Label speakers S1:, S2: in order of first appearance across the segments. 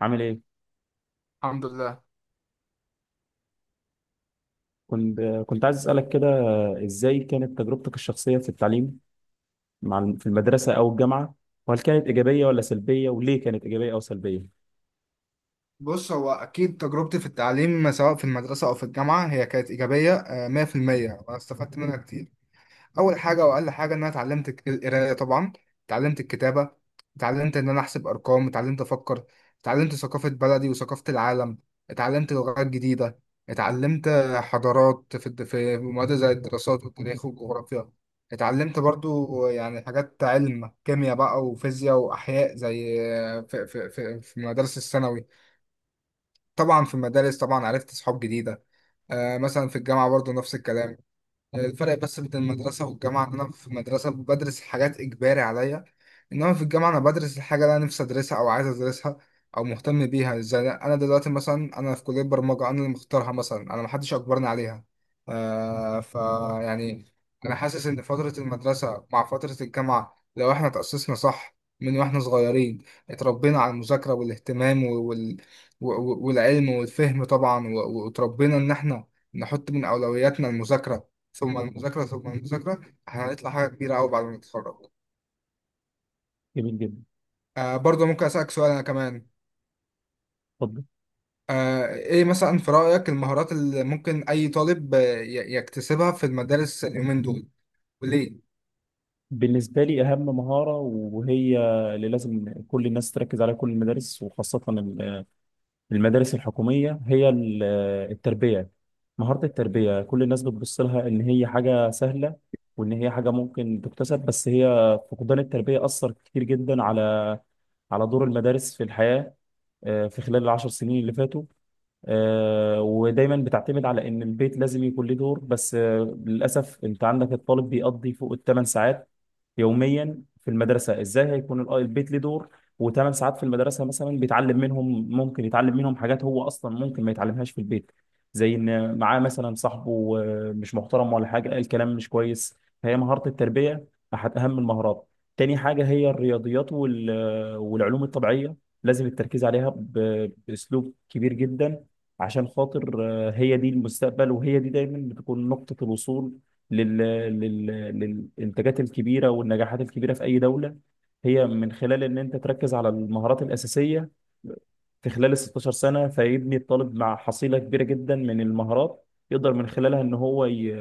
S1: عامل ايه؟
S2: الحمد لله.
S1: كنت كنت عايز اسالك كده. ازاي كانت تجربتك الشخصيه في التعليم في المدرسه او الجامعه؟ وهل كانت ايجابيه ولا سلبيه وليه كانت ايجابيه او سلبيه؟
S2: بص، هو أكيد تجربتي في التعليم سواء في المدرسة أو في الجامعة هي كانت إيجابية، 100%، وأنا استفدت منها كتير. أول حاجة وأقل حاجة إن أنا اتعلمت القراية طبعا، اتعلمت الكتابة، اتعلمت إن أنا أحسب أرقام، اتعلمت أفكر، اتعلمت ثقافة بلدي وثقافة العالم، اتعلمت لغات جديدة، اتعلمت حضارات في في مواد زي الدراسات والتاريخ والجغرافيا، اتعلمت برضو يعني حاجات علم كيمياء بقى وفيزياء وأحياء زي في المدارس الثانوي. طبعا في المدارس طبعا عرفت صحاب جديدة. مثلا في الجامعة برضو نفس الكلام. الفرق بس بين المدرسة والجامعة إن أنا في المدرسة بدرس حاجات إجباري عليا، إنما في الجامعة أنا بدرس الحاجة اللي أنا نفسي أدرسها أو عايز أدرسها أو مهتم بيها، زي أنا دلوقتي مثلا أنا في كلية برمجة أنا اللي مختارها، مثلا أنا محدش أجبرني عليها. آه ف يعني أنا حاسس إن فترة المدرسة مع فترة الجامعة لو إحنا تأسسنا صح من وإحنا صغيرين، اتربينا على المذاكرة والاهتمام والعلم والفهم طبعا واتربينا إن إحنا نحط من أولوياتنا المذاكرة ثم المذاكرة ثم المذاكرة، هنطلع حاجة كبيرة أوي بعد ما نتخرج.
S1: جميل جدا.
S2: برضه ممكن أسألك سؤال أنا كمان.
S1: اتفضل.
S2: إيه مثلا في رأيك المهارات اللي ممكن أي طالب يكتسبها في المدارس اليومين دول، وليه؟
S1: بالنسبه لي اهم مهاره، وهي اللي لازم كل الناس تركز عليها، كل المدارس وخاصه المدارس الحكوميه، هي التربيه. مهاره التربيه كل الناس بتبص لها ان هي حاجه سهله وان هي حاجه ممكن تكتسب، بس هي فقدان التربيه اثر كتير جدا على دور المدارس في الحياة في خلال العشر سنين اللي فاتوا. ودايما بتعتمد على ان البيت لازم يكون له دور، بس للاسف انت عندك الطالب بيقضي فوق الثمان ساعات يوميا في المدرسه. ازاي هيكون البيت ليه دور وثمان ساعات في المدرسه مثلا بيتعلم منهم، ممكن يتعلم منهم حاجات هو اصلا ممكن ما يتعلمهاش في البيت، زي ان معاه مثلا صاحبه مش محترم ولا حاجه قال كلام مش كويس. فهي مهاره التربيه احد اهم المهارات. تاني حاجه هي الرياضيات والعلوم الطبيعيه، لازم التركيز عليها باسلوب كبير جدا، عشان خاطر هي دي المستقبل، وهي دي دايما بتكون نقطه الوصول لل... لل... للإنتاجات الكبيرة والنجاحات الكبيرة في أي دولة، هي من خلال إن أنت تركز على المهارات الأساسية في خلال ال 16 سنة، فيبني الطالب مع حصيلة كبيرة جدا من المهارات يقدر من خلالها إن هو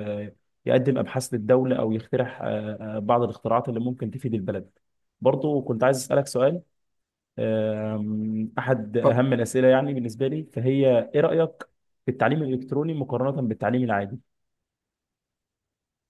S1: يقدم أبحاث للدولة أو يخترع بعض الاختراعات اللي ممكن تفيد البلد. برضو كنت عايز أسألك سؤال. أحد أهم الأسئلة يعني بالنسبة لي، فهي إيه رأيك في التعليم الإلكتروني مقارنة بالتعليم العادي؟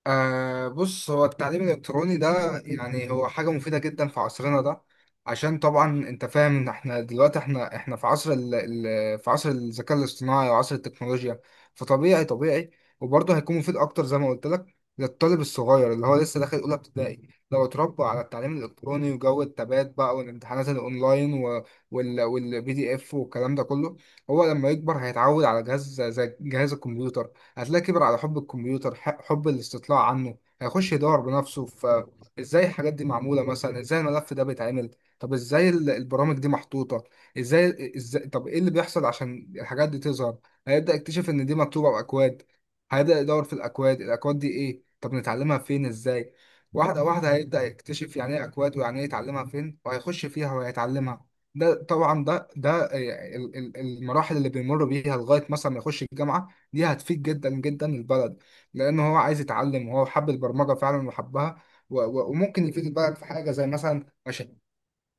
S2: بص، هو التعليم الإلكتروني ده يعني هو حاجة مفيدة جدا في عصرنا ده، عشان طبعا انت فاهم ان احنا دلوقتي احنا في عصر ال ال في عصر الذكاء الاصطناعي وعصر التكنولوجيا، فطبيعي طبيعي. وبرضه هيكون مفيد اكتر زي ما قلت لك للطالب الصغير اللي هو لسه داخل اولى ابتدائي، لو اتربى على التعليم الالكتروني وجو التبات بقى والامتحانات الاونلاين والبي دي اف والكلام ده كله، هو لما يكبر هيتعود على جهاز زي جهاز الكمبيوتر، هتلاقيه كبر على حب الكمبيوتر، حب الاستطلاع عنه، هيخش يدور بنفسه فازاي الحاجات دي معمولة، مثلا ازاي الملف ده بيتعمل، طب ازاي البرامج دي محطوطة، ازاي طب ايه اللي بيحصل عشان الحاجات دي تظهر. هيبدأ يكتشف ان دي مكتوبة بأكواد، هيبدأ يدور في الأكواد، الأكواد دي ايه؟ طب نتعلمها فين؟ ازاي؟ واحدة واحدة هيبدأ يكتشف يعني ايه أكواد، ويعني ايه يتعلمها فين، وهيخش فيها وهيتعلمها. ده طبعا المراحل اللي بيمر بيها لغاية مثلا ما يخش الجامعة، دي هتفيد جدا جدا البلد، لان هو عايز يتعلم وهو حب البرمجه فعلا وحبها، وممكن يفيد البلد في حاجه زي مثلا مشاريع،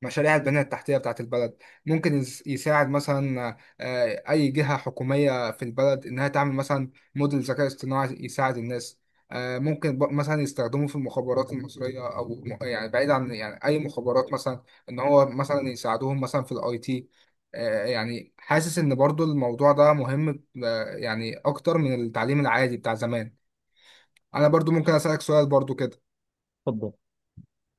S2: مشاريع البنية التحتية بتاعت البلد. ممكن يساعد مثلا أي جهة حكومية في البلد إنها تعمل مثلا موديل ذكاء اصطناعي يساعد الناس. ممكن مثلا يستخدموه في المخابرات المصرية أو يعني بعيد عن يعني أي مخابرات مثلا، إن هو مثلا يساعدوهم مثلا في الأي تي. يعني حاسس إن برضو الموضوع ده مهم، يعني أكتر من التعليم العادي بتاع زمان. أنا برضو ممكن أسألك سؤال برضو كده.
S1: اتفضل.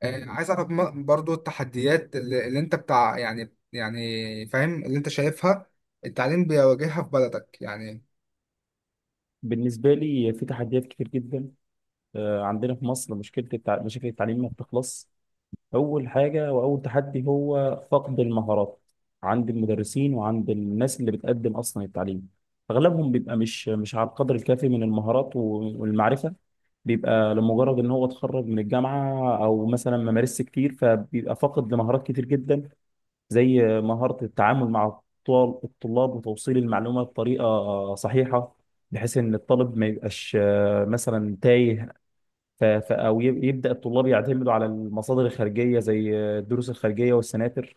S2: عايز اعرف برضو التحديات اللي انت بتاع يعني فاهم اللي انت شايفها التعليم بيواجهها في بلدك يعني.
S1: بالنسبة لي في تحديات كتير جدا. عندنا في مصر مشكلة مشاكل التعليم ما بتخلص. أول حاجة وأول تحدي هو فقد المهارات عند المدرسين وعند الناس اللي بتقدم أصلا التعليم. أغلبهم بيبقى مش على القدر الكافي من المهارات والمعرفة. بيبقى لمجرد إن هو اتخرج من الجامعة أو مثلا ما مارسش كتير، فبيبقى فاقد لمهارات كتير جدا زي مهارة التعامل مع الطلاب وتوصيل المعلومة بطريقة صحيحة، بحيث إن الطالب ما يبقاش مثلا تايه. أو يبدأ الطلاب يعتمدوا على المصادر الخارجية زي الدروس الخارجية والسناتر.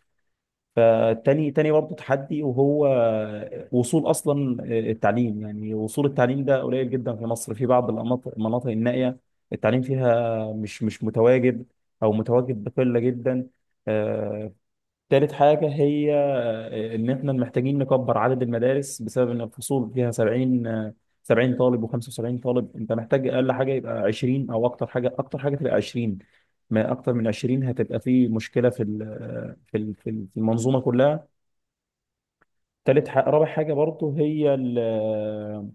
S1: فتاني برضه تحدي، وهو وصول أصلا التعليم. يعني وصول التعليم ده قليل جدا في مصر، في بعض المناطق النائية التعليم فيها مش متواجد، أو متواجد بقلة جدا. آه، تالت حاجة هي إن إحنا محتاجين نكبر عدد المدارس، بسبب إن الفصول فيها 70 70 طالب و75 طالب. أنت محتاج أقل حاجة يبقى 20، أو أكتر حاجة تبقى 20. ما أكتر من 20 هتبقى في مشكلة في ال- آه، في ال- في ال- في المنظومة كلها. تالت حاجة، رابع حاجة برضه هي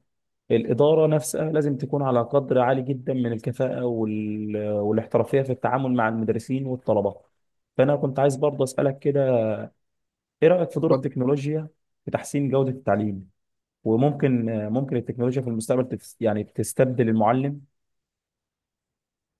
S1: الإدارة نفسها، لازم تكون على قدر عالي جدا من الكفاءة والاحترافية في التعامل مع المدرسين والطلبة. فأنا كنت عايز برضه أسألك كده، ايه رأيك في دور التكنولوجيا في تحسين جودة التعليم؟ وممكن، ممكن التكنولوجيا في المستقبل يعني تستبدل المعلم؟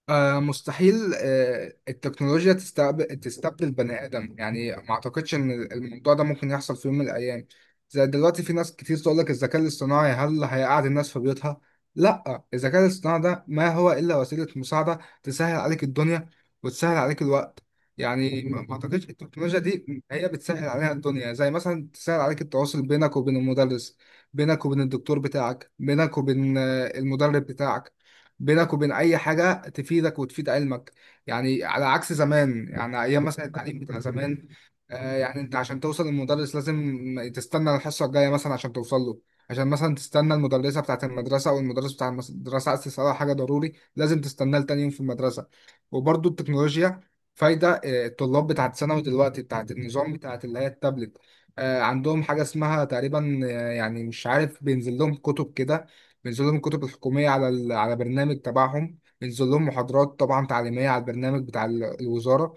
S2: مستحيل التكنولوجيا تستبدل بني آدم، يعني ما أعتقدش إن الموضوع ده ممكن يحصل في يوم من الأيام. زي دلوقتي في ناس كتير تقول لك الذكاء الاصطناعي هل هيقعد الناس في بيوتها؟ لا، الذكاء الاصطناعي ده ما هو إلا وسيلة مساعدة تسهل عليك الدنيا وتسهل عليك الوقت. يعني ما أعتقدش، التكنولوجيا دي هي بتسهل عليها الدنيا، زي مثلا تسهل عليك التواصل بينك وبين المدرس، بينك وبين الدكتور بتاعك، بينك وبين المدرب بتاعك، بينك وبين اي حاجه تفيدك وتفيد علمك. يعني على عكس زمان، يعني ايام مثلا التعليم بتاع زمان، يعني انت عشان توصل للمدرس لازم تستنى الحصه الجايه مثلا عشان توصل له، عشان مثلا تستنى المدرسه بتاعه، المدرسه او المدرس بتاع المدرسه، عايز تساله حاجه ضروري لازم تستناه لتاني يوم في المدرسه. وبرده التكنولوجيا فايده، الطلاب بتاعه ثانوي دلوقتي بتاعه النظام بتاعه اللي هي التابلت، عندهم حاجه اسمها تقريبا، يعني مش عارف بينزل لهم كتب كده، بينزل لهم الكتب الحكومية على على برنامج تبعهم، بينزل لهم محاضرات طبعا تعليمية على البرنامج بتاع الوزارة.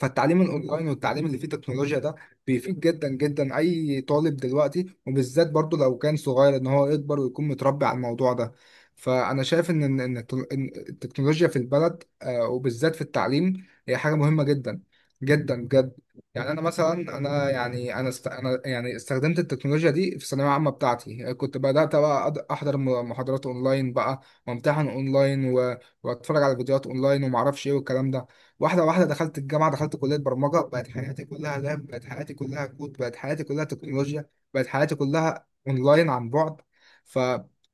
S2: فالتعليم الاونلاين والتعليم اللي فيه تكنولوجيا ده بيفيد جدا جدا اي طالب دلوقتي وبالذات برضو لو كان صغير ان هو يكبر ويكون متربي على الموضوع ده. فانا شايف إن التكنولوجيا في البلد، وبالذات في التعليم، هي حاجة مهمة جدا جدا بجد. يعني انا مثلا، انا يعني انا است... انا يعني استخدمت التكنولوجيا دي في الثانويه العامه بتاعتي، كنت بدات بقى احضر محاضرات اونلاين بقى، وامتحن اونلاين واتفرج على فيديوهات اونلاين وما اعرفش ايه والكلام ده. واحدة واحدة دخلت الجامعة، دخلت كلية برمجة، بقت حياتي كلها لاب، بقت حياتي كلها كود، بقت حياتي كلها تكنولوجيا، بقت حياتي كلها اونلاين عن بعد. ف...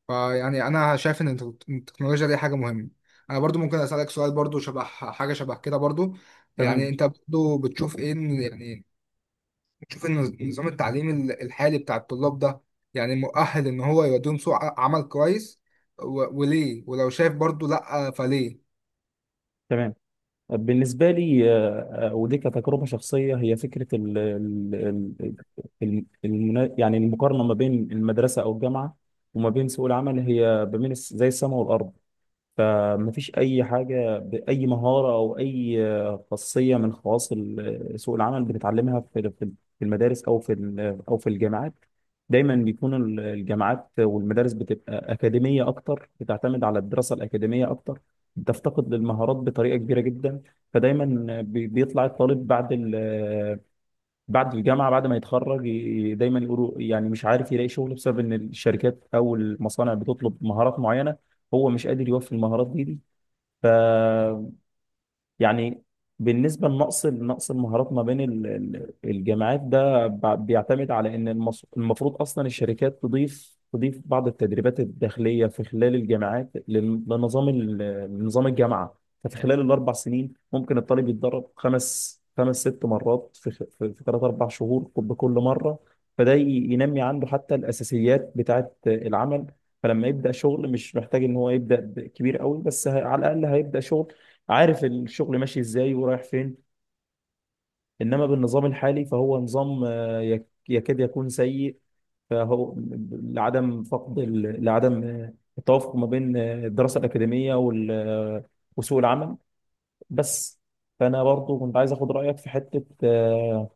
S2: ف يعني انا شايف ان التكنولوجيا دي حاجة مهمة. انا برضو ممكن اسألك سؤال برضو شبه حاجة شبه كده برضو. يعني
S1: تمام،
S2: انت برضو بتشوف ايه، يعني بتشوف ان النظام التعليمي الحالي بتاع الطلاب ده يعني مؤهل ان هو يوديهم سوق عمل كويس، وليه؟ ولو شايف برضو لا، فليه؟
S1: تمام. بالنسبة لي ودي كتجربة شخصية هي فكرة يعني المقارنة ما بين المدرسة أو الجامعة وما بين سوق العمل، هي ما بين زي السماء والأرض. فمفيش أي حاجة بأي مهارة أو أي خاصية من خواص سوق العمل بتتعلمها في المدارس أو في الجامعات. دايما بيكون الجامعات والمدارس بتبقى أكاديمية أكتر، بتعتمد على الدراسة الأكاديمية أكتر، بتفتقد للمهارات بطريقة كبيرة جدا. فدايما بيطلع الطالب بعد ال بعد الجامعه بعد ما يتخرج دايما يقولوا يعني مش عارف يلاقي شغل بسبب ان الشركات او المصانع بتطلب مهارات معينه، هو مش قادر يوفي المهارات دي. ف يعني بالنسبه لنقص المهارات ما بين الجامعات، ده بيعتمد على ان المفروض اصلا الشركات تضيف بعض التدريبات الداخليه في خلال الجامعات لنظام لنظام الجامعه. ففي خلال الاربع سنين ممكن الطالب يتدرب خمس ست مرات في خ- في في ثلاث اربع شهور بكل مره. فده ينمي عنده حتى الاساسيات بتاعت العمل، فلما يبدا شغل مش محتاج ان هو يبدا كبير قوي، بس على الاقل هيبدا شغل عارف الشغل ماشي ازاي ورايح فين. انما بالنظام الحالي فهو نظام يكاد يكون سيء، فهو لعدم التوافق ما بين الدراسة الأكاديمية وسوق العمل. بس. فأنا برضو كنت عايز أخد رأيك في حتة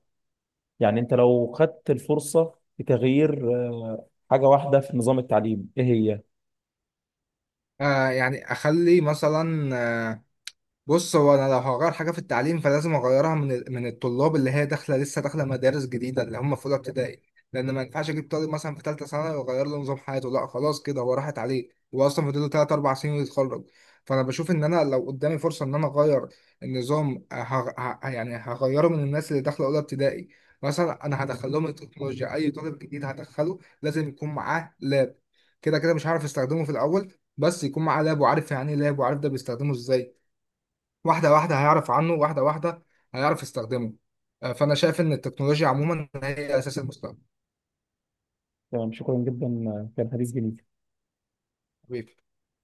S1: يعني أنت لو خدت الفرصة لتغيير حاجة واحدة في نظام التعليم إيه هي؟
S2: يعني اخلي مثلا، بص هو انا لو هغير حاجه في التعليم فلازم اغيرها من من الطلاب اللي هي داخله لسه داخله مدارس جديده اللي هم في اولى ابتدائي، لان ما ينفعش اجيب طالب مثلا في ثالثه ثانوي واغير له نظام حياته، لا خلاص كده هو راحت عليه، هو اصلا فاضل له 3 4 سنين ويتخرج. فانا بشوف ان انا لو قدامي فرصه ان انا اغير النظام، يعني هغيره من الناس اللي داخله اولى ابتدائي. مثلا انا هدخل لهم التكنولوجيا، اي طالب جديد هدخله لازم يكون معاه لاب، كده كده مش هعرف استخدمه في الاول بس يكون معاه لاب وعارف يعني ايه لاب وعارف ده بيستخدمه ازاي. واحدة واحدة هيعرف عنه، واحدة واحدة هيعرف يستخدمه. فأنا شايف إن التكنولوجيا عموما هي أساس المستقبل.
S1: تمام، شكرا جدا. كان حديث جميل.